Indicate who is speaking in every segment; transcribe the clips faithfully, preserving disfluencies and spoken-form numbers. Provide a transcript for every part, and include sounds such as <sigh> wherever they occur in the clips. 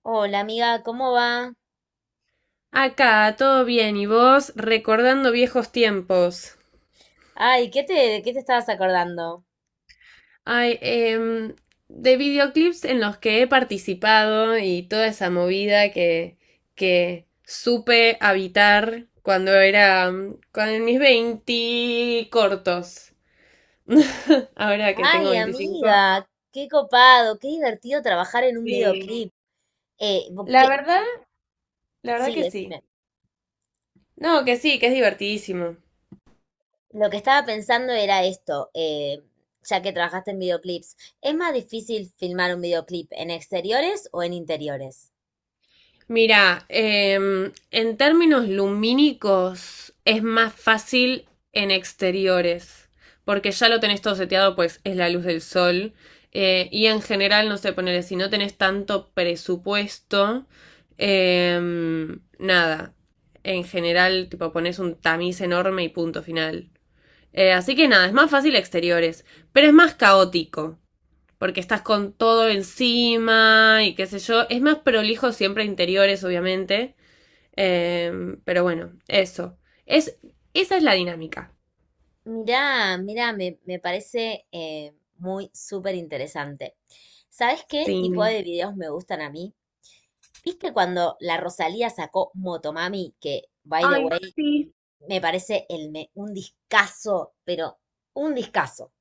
Speaker 1: Hola amiga, ¿cómo va?
Speaker 2: Acá, todo bien, y vos recordando viejos tiempos.
Speaker 1: Ay, ¿qué te, ¿de qué te estabas acordando?
Speaker 2: Ay, em, de videoclips en los que he participado y toda esa movida que, que supe habitar cuando era, mm, cuando en mis veinte cortos. <laughs> Ahora que tengo
Speaker 1: Ay,
Speaker 2: veinticinco,
Speaker 1: amiga, qué copado, qué divertido trabajar en un
Speaker 2: sí.
Speaker 1: videoclip. Eh, vo-
Speaker 2: La
Speaker 1: ¿qué?
Speaker 2: verdad, la verdad
Speaker 1: Sí,
Speaker 2: que sí.
Speaker 1: decime.
Speaker 2: No, que sí, que es divertidísimo.
Speaker 1: Lo que estaba pensando era esto, eh, ya que trabajaste en videoclips. ¿Es más difícil filmar un videoclip en exteriores o en interiores?
Speaker 2: Mira, em, en términos lumínicos es más fácil en exteriores, porque ya lo tenés todo seteado, pues es la luz del sol. Eh, y en general, no sé, ponerle, si no tenés tanto presupuesto, em, nada. En general, tipo, pones un tamiz enorme y punto final. Eh, así que nada, es más fácil exteriores, pero es más caótico porque estás con todo encima y qué sé yo. Es más prolijo siempre interiores, obviamente. Eh, pero bueno, eso. Es, esa es la dinámica.
Speaker 1: Mirá, mirá, me, me parece eh, muy súper interesante. ¿Sabes qué tipo
Speaker 2: Sí.
Speaker 1: de videos me gustan a mí? ¿Viste cuando la Rosalía sacó Motomami? Que, by the
Speaker 2: Ay,
Speaker 1: way,
Speaker 2: sí.
Speaker 1: me parece el me- un discazo, pero un discazo.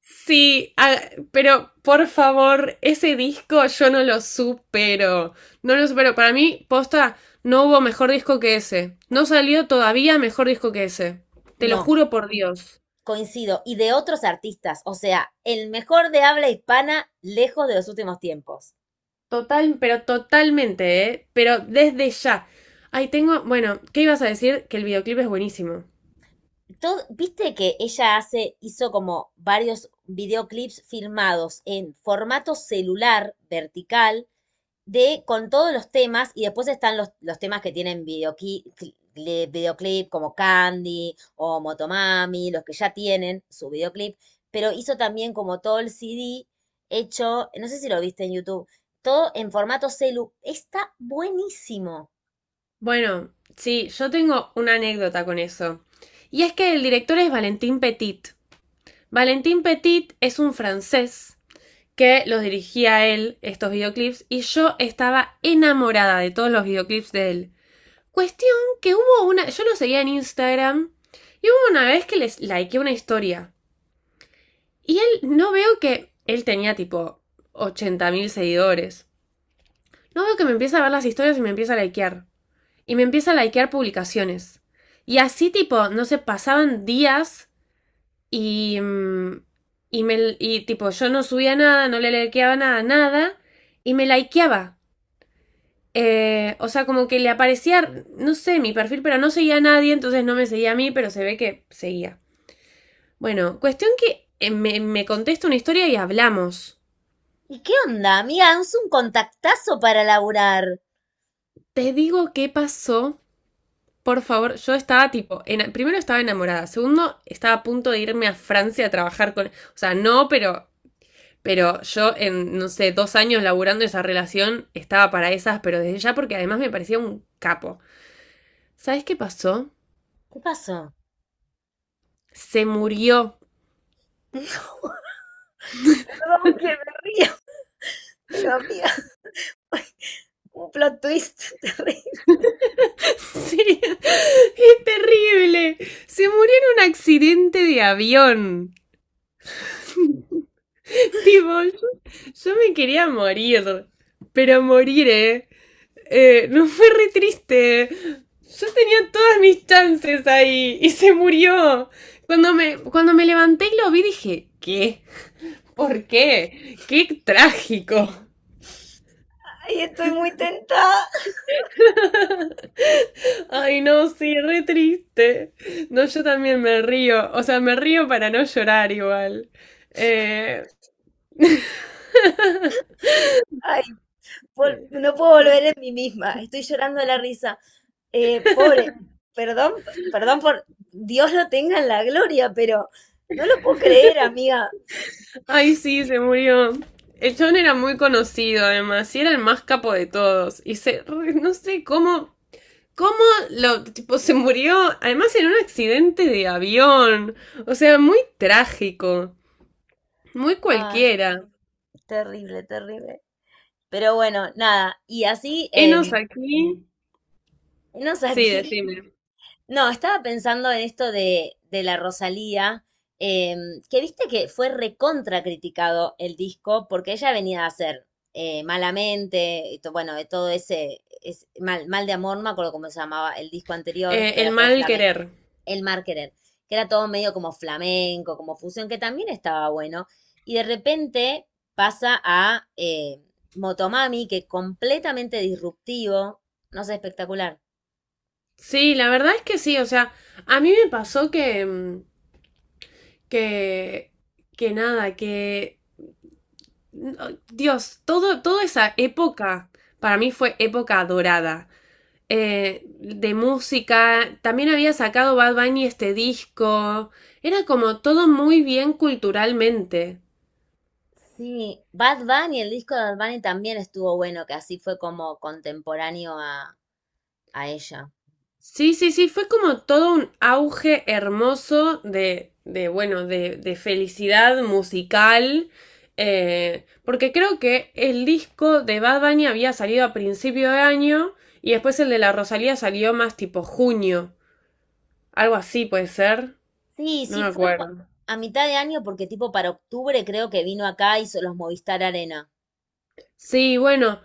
Speaker 2: Sí, ah, pero por favor, ese disco yo no lo supero. No lo supero. Para mí, posta, no hubo mejor disco que ese. No salió todavía mejor disco que ese. Te lo
Speaker 1: No,
Speaker 2: juro por Dios.
Speaker 1: coincido. Y de otros artistas, o sea, el mejor de habla hispana lejos de los últimos tiempos.
Speaker 2: Total, pero totalmente, ¿eh? Pero desde ya. Ahí tengo, bueno, ¿qué ibas a decir? Que el videoclip es buenísimo.
Speaker 1: Todo, ¿viste que ella hace, hizo como varios videoclips filmados en formato celular vertical? De con todos los temas, y después están los, los temas que tienen videoclip, videoclip como Candy o Motomami, los que ya tienen su videoclip, pero hizo también como todo el C D hecho, no sé si lo viste en YouTube, todo en formato celu, está buenísimo.
Speaker 2: Bueno, sí, yo tengo una anécdota con eso. Y es que el director es Valentin Petit. Valentin Petit es un francés que los dirigía a él estos videoclips y yo estaba enamorada de todos los videoclips de él. Cuestión que hubo una, yo lo seguía en Instagram y hubo una vez que les likeé una historia. Y él, no veo que él tenía tipo ochenta mil seguidores. No veo que me empieza a ver las historias y me empieza a likear. Y me empieza a likear publicaciones. Y así tipo, no sé, pasaban días y... mm, Y, me, y tipo, yo no subía nada, no le likeaba nada, nada. Y me likeaba. Eh, o sea, como que le aparecía, no sé, mi perfil, pero no seguía a nadie, entonces no me seguía a mí, pero se ve que seguía. Bueno, cuestión que eh, me, me contesta una historia y hablamos.
Speaker 1: ¿Y qué onda, amiga? Es un contactazo para laburar.
Speaker 2: Te digo qué pasó. Por favor, yo estaba tipo, ena- primero estaba enamorada, segundo estaba a punto de irme a Francia a trabajar con, o sea, no, pero, pero yo en, no sé, dos años laburando esa relación estaba para esas, pero desde ya porque además me parecía un capo. ¿Sabes qué pasó?
Speaker 1: ¿Qué pasó?
Speaker 2: Se murió. <laughs>
Speaker 1: <laughs> No, perdón que me río, pero amiga, <laughs> un plot twist <laughs> terrible.
Speaker 2: Sí, es terrible. Se murió en un accidente de avión. <laughs> Tipo, yo, yo me quería morir, pero morir, ¿eh? Eh, <laughs> no fue re triste. Yo tenía todas mis chances ahí y se murió. Cuando me, cuando me levanté y lo vi dije, ¿qué? ¿Por qué? ¡Qué trágico!
Speaker 1: Ay, estoy muy tentada.
Speaker 2: <laughs> Ay, no, sí, re triste. No, yo también me río. O sea, me río para no llorar igual. Eh... <laughs>
Speaker 1: Ay, vol- no puedo volver en mí misma, estoy llorando de la risa. Eh, pobre, perdón, perdón, por Dios lo tenga en la gloria, pero no lo puedo creer, amiga.
Speaker 2: Ay, sí, se murió. El John era muy conocido, además, y era el más capo de todos. Y se, re- no sé cómo cómo lo, tipo, se murió, además en un accidente de avión. O sea, muy trágico, muy
Speaker 1: Ay,
Speaker 2: cualquiera.
Speaker 1: terrible, terrible. Pero bueno, nada, y así, em,
Speaker 2: Enos aquí.
Speaker 1: enos
Speaker 2: Sí,
Speaker 1: aquí.
Speaker 2: decime.
Speaker 1: No, estaba pensando en esto de, de la Rosalía, eh, que viste que fue recontra criticado el disco porque ella venía a hacer eh, Malamente, y to- bueno, de todo ese, es mal, mal de amor, no me acuerdo cómo se llamaba el disco anterior,
Speaker 2: Eh,
Speaker 1: que
Speaker 2: el
Speaker 1: era todo
Speaker 2: mal
Speaker 1: flamenco.
Speaker 2: querer.
Speaker 1: El Mar Querer, que era todo medio como flamenco, como fusión, que también estaba bueno. Y de repente pasa a eh, Motomami, que completamente disruptivo, no sé, espectacular.
Speaker 2: Sí, la verdad es que sí, o sea, a mí me pasó que, mm, que, que nada, que, no, Dios, todo, toda esa época para mí fue época dorada. Eh, de música. También había sacado Bad Bunny este disco. Era como todo muy bien culturalmente.
Speaker 1: Sí, Bad Bunny, el disco de Bad Bunny también estuvo bueno, que así fue como contemporáneo a, a ella.
Speaker 2: Sí, sí, sí, fue como todo un auge hermoso de, de bueno, de, de felicidad musical. Eh, porque creo que el disco de Bad Bunny había salido a principio de año y después el de la Rosalía salió más tipo junio. Algo así puede ser.
Speaker 1: Sí,
Speaker 2: No
Speaker 1: sí,
Speaker 2: me
Speaker 1: fue cu-
Speaker 2: acuerdo.
Speaker 1: a mitad de año, porque tipo para octubre creo que vino acá, hizo los Movistar Arena.
Speaker 2: Sí, bueno,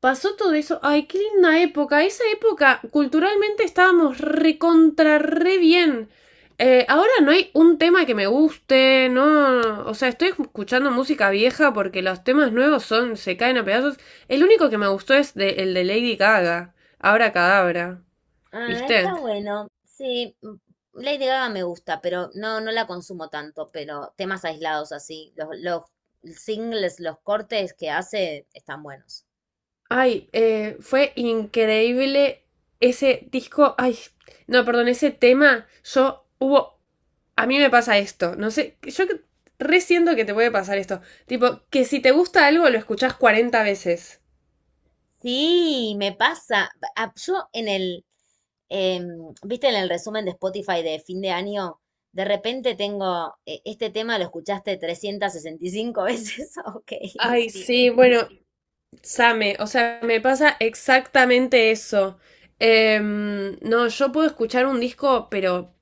Speaker 2: pasó todo eso. Ay, qué linda época. Esa época culturalmente estábamos recontra re bien. Eh, ahora no hay un tema que me guste, no. O sea, estoy escuchando música vieja porque los temas nuevos son, se caen a pedazos. El único que me gustó es de- el de Lady Gaga, Abra Cadabra,
Speaker 1: Ah, está
Speaker 2: ¿viste?
Speaker 1: bueno. Sí, mm. Lady Gaga me gusta, pero no, no la consumo tanto, pero temas aislados así, los, los singles, los cortes que hace están buenos.
Speaker 2: Ay, eh, fue increíble ese disco. Ay, no, perdón, ese tema. Yo hubo. A mí me pasa esto. No sé, yo que- que te puede pasar esto. Tipo, que si te gusta algo lo escuchás cuarenta veces.
Speaker 1: Sí, me pasa. Ah, Yo en el, em, viste, en el resumen de Spotify de fin de año, de repente tengo, eh, este tema lo escuchaste trescientas sesenta y cinco veces. <laughs> Ok,
Speaker 2: Ay,
Speaker 1: sí.
Speaker 2: sí, bueno, same, o sea, me pasa exactamente eso. Em, no, yo puedo escuchar un disco, pero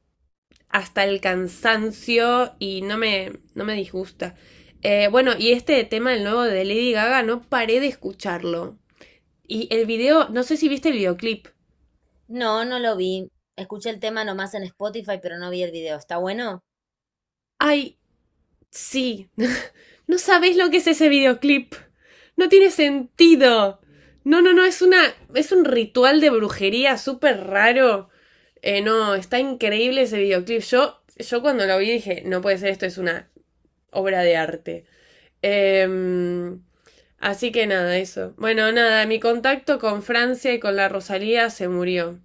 Speaker 2: hasta el cansancio y no me, no me disgusta. Eh, bueno, y este tema, el nuevo de Lady Gaga, no paré de escucharlo. Y el video, no sé si viste el videoclip.
Speaker 1: No, no lo vi. Escuché el tema nomás en Spotify, pero no vi el video. ¿Está bueno?
Speaker 2: Ay, sí. <laughs> No sabés lo que es ese videoclip. No tiene sentido. No, no, no, es una. Es un ritual de brujería súper raro. Eh, no, está increíble ese videoclip. Yo, yo cuando lo vi dije, no puede ser, esto es una obra de arte. Em, Así que nada, eso. Bueno, nada, mi contacto con Francia y con la Rosalía se murió.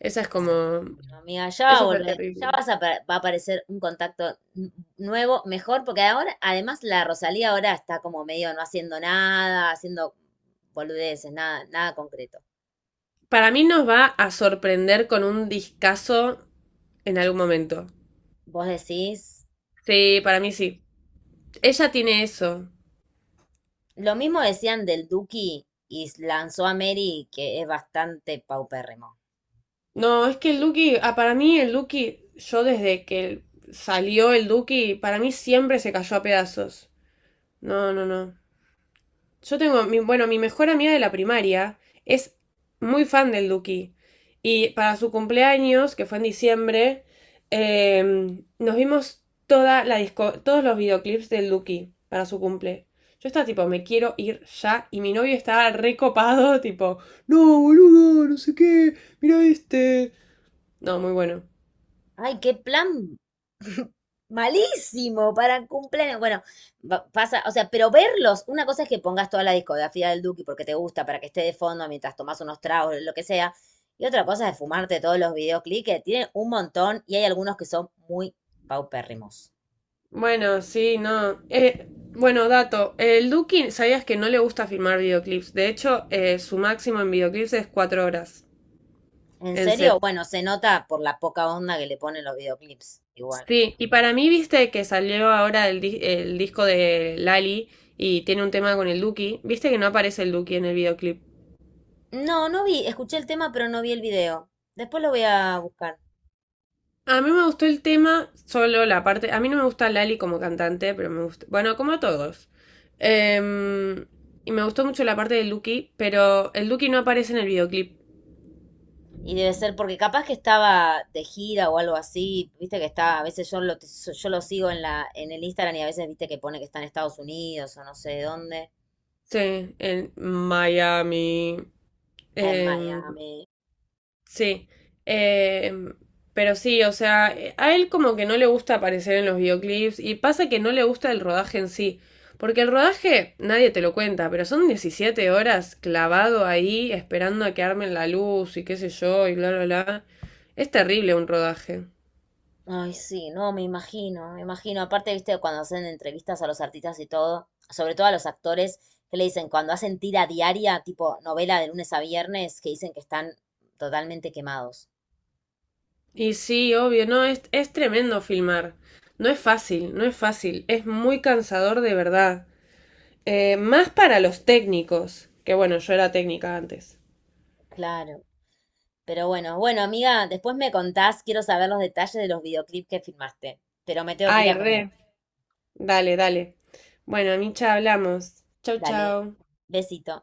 Speaker 2: Esa es
Speaker 1: No,
Speaker 2: como...
Speaker 1: amiga, ya va a
Speaker 2: eso fue
Speaker 1: volver, ya
Speaker 2: terrible.
Speaker 1: vas a apa- va a aparecer un contacto n- nuevo, mejor, porque ahora, además, la Rosalía ahora está como medio no haciendo nada, haciendo boludeces, nada, nada concreto.
Speaker 2: Para mí nos va a sorprender con un discazo en algún momento.
Speaker 1: Vos decís,
Speaker 2: Sí, para mí sí. Ella tiene eso.
Speaker 1: lo mismo decían del Duki y lanzó a Mary, que es bastante paupérrimo.
Speaker 2: No, es que el Duki, ah, para mí el Duki, yo desde que salió el Duki, para mí siempre se cayó a pedazos. No, no, no. Yo tengo, mi, bueno, mi mejor amiga de la primaria es muy fan del Duki. Y para su cumpleaños, que fue en diciembre, eh, nos vimos toda la disco, todos los videoclips del Duki para su cumple. Yo estaba tipo, me quiero ir ya. Y mi novio estaba recopado, tipo, no, boludo, no sé qué, mira este. No, muy bueno.
Speaker 1: Ay, qué plan <laughs> malísimo para cumpleaños. Bueno, va- pasa, o sea, pero verlos, una cosa es que pongas toda la discografía del Duki porque te gusta, para que esté de fondo mientras tomas unos tragos, lo que sea. Y otra cosa es fumarte todos los videoclips, que tienen un montón y hay algunos que son muy paupérrimos.
Speaker 2: Bueno, sí, no. Eh, bueno, dato. El Duki, ¿sabías que no le gusta filmar videoclips? De hecho, eh, su máximo en videoclips es cuatro horas
Speaker 1: En
Speaker 2: en
Speaker 1: serio,
Speaker 2: set.
Speaker 1: bueno, se nota por la poca onda que le ponen los videoclips, igual.
Speaker 2: Sí, y para mí, viste que salió ahora el, di- el disco de Lali y tiene un tema con el Duki. Viste que no aparece el Duki en el videoclip.
Speaker 1: No, no vi, escuché el tema, pero no vi el video. Después lo voy a buscar.
Speaker 2: A mí me gustó el tema, solo la parte. A mí no me gusta Lali como cantante, pero me gusta. Bueno, como a todos. Em, y me gustó mucho la parte del Duki, pero el Duki no aparece en el videoclip.
Speaker 1: Y debe ser porque capaz que estaba de gira o algo así, viste que está, a veces yo lo, so, yo lo sigo en la, en el Instagram y a veces viste que pone que está en Estados Unidos o no sé dónde,
Speaker 2: Sí, en Miami.
Speaker 1: en
Speaker 2: em,
Speaker 1: Miami.
Speaker 2: sí. em, pero sí, o sea, eh, a él como que no le gusta aparecer en los videoclips y pasa que no le gusta el rodaje en sí. Porque el rodaje nadie te lo cuenta, pero son diecisiete horas clavado ahí esperando a que armen la luz y qué sé yo y bla, bla, bla. Es terrible un rodaje.
Speaker 1: Ay, sí, no, me imagino, me imagino. Aparte, viste, cuando hacen entrevistas a los artistas y todo, sobre todo a los actores, que le dicen, cuando hacen tira diaria, tipo novela de lunes a viernes, que dicen que están totalmente quemados.
Speaker 2: Y sí, obvio, no, es, es tremendo filmar. No es fácil, no es fácil. Es muy cansador de verdad. Eh, más para los técnicos, que bueno, yo era técnica antes.
Speaker 1: Claro. Pero bueno, bueno, amiga, después me contás, quiero saber los detalles de los videoclips que filmaste, pero me tengo que ir
Speaker 2: Ay,
Speaker 1: a comer.
Speaker 2: re. Dale, dale. Bueno, Micha, hablamos. Chau,
Speaker 1: Dale,
Speaker 2: chau.
Speaker 1: besito.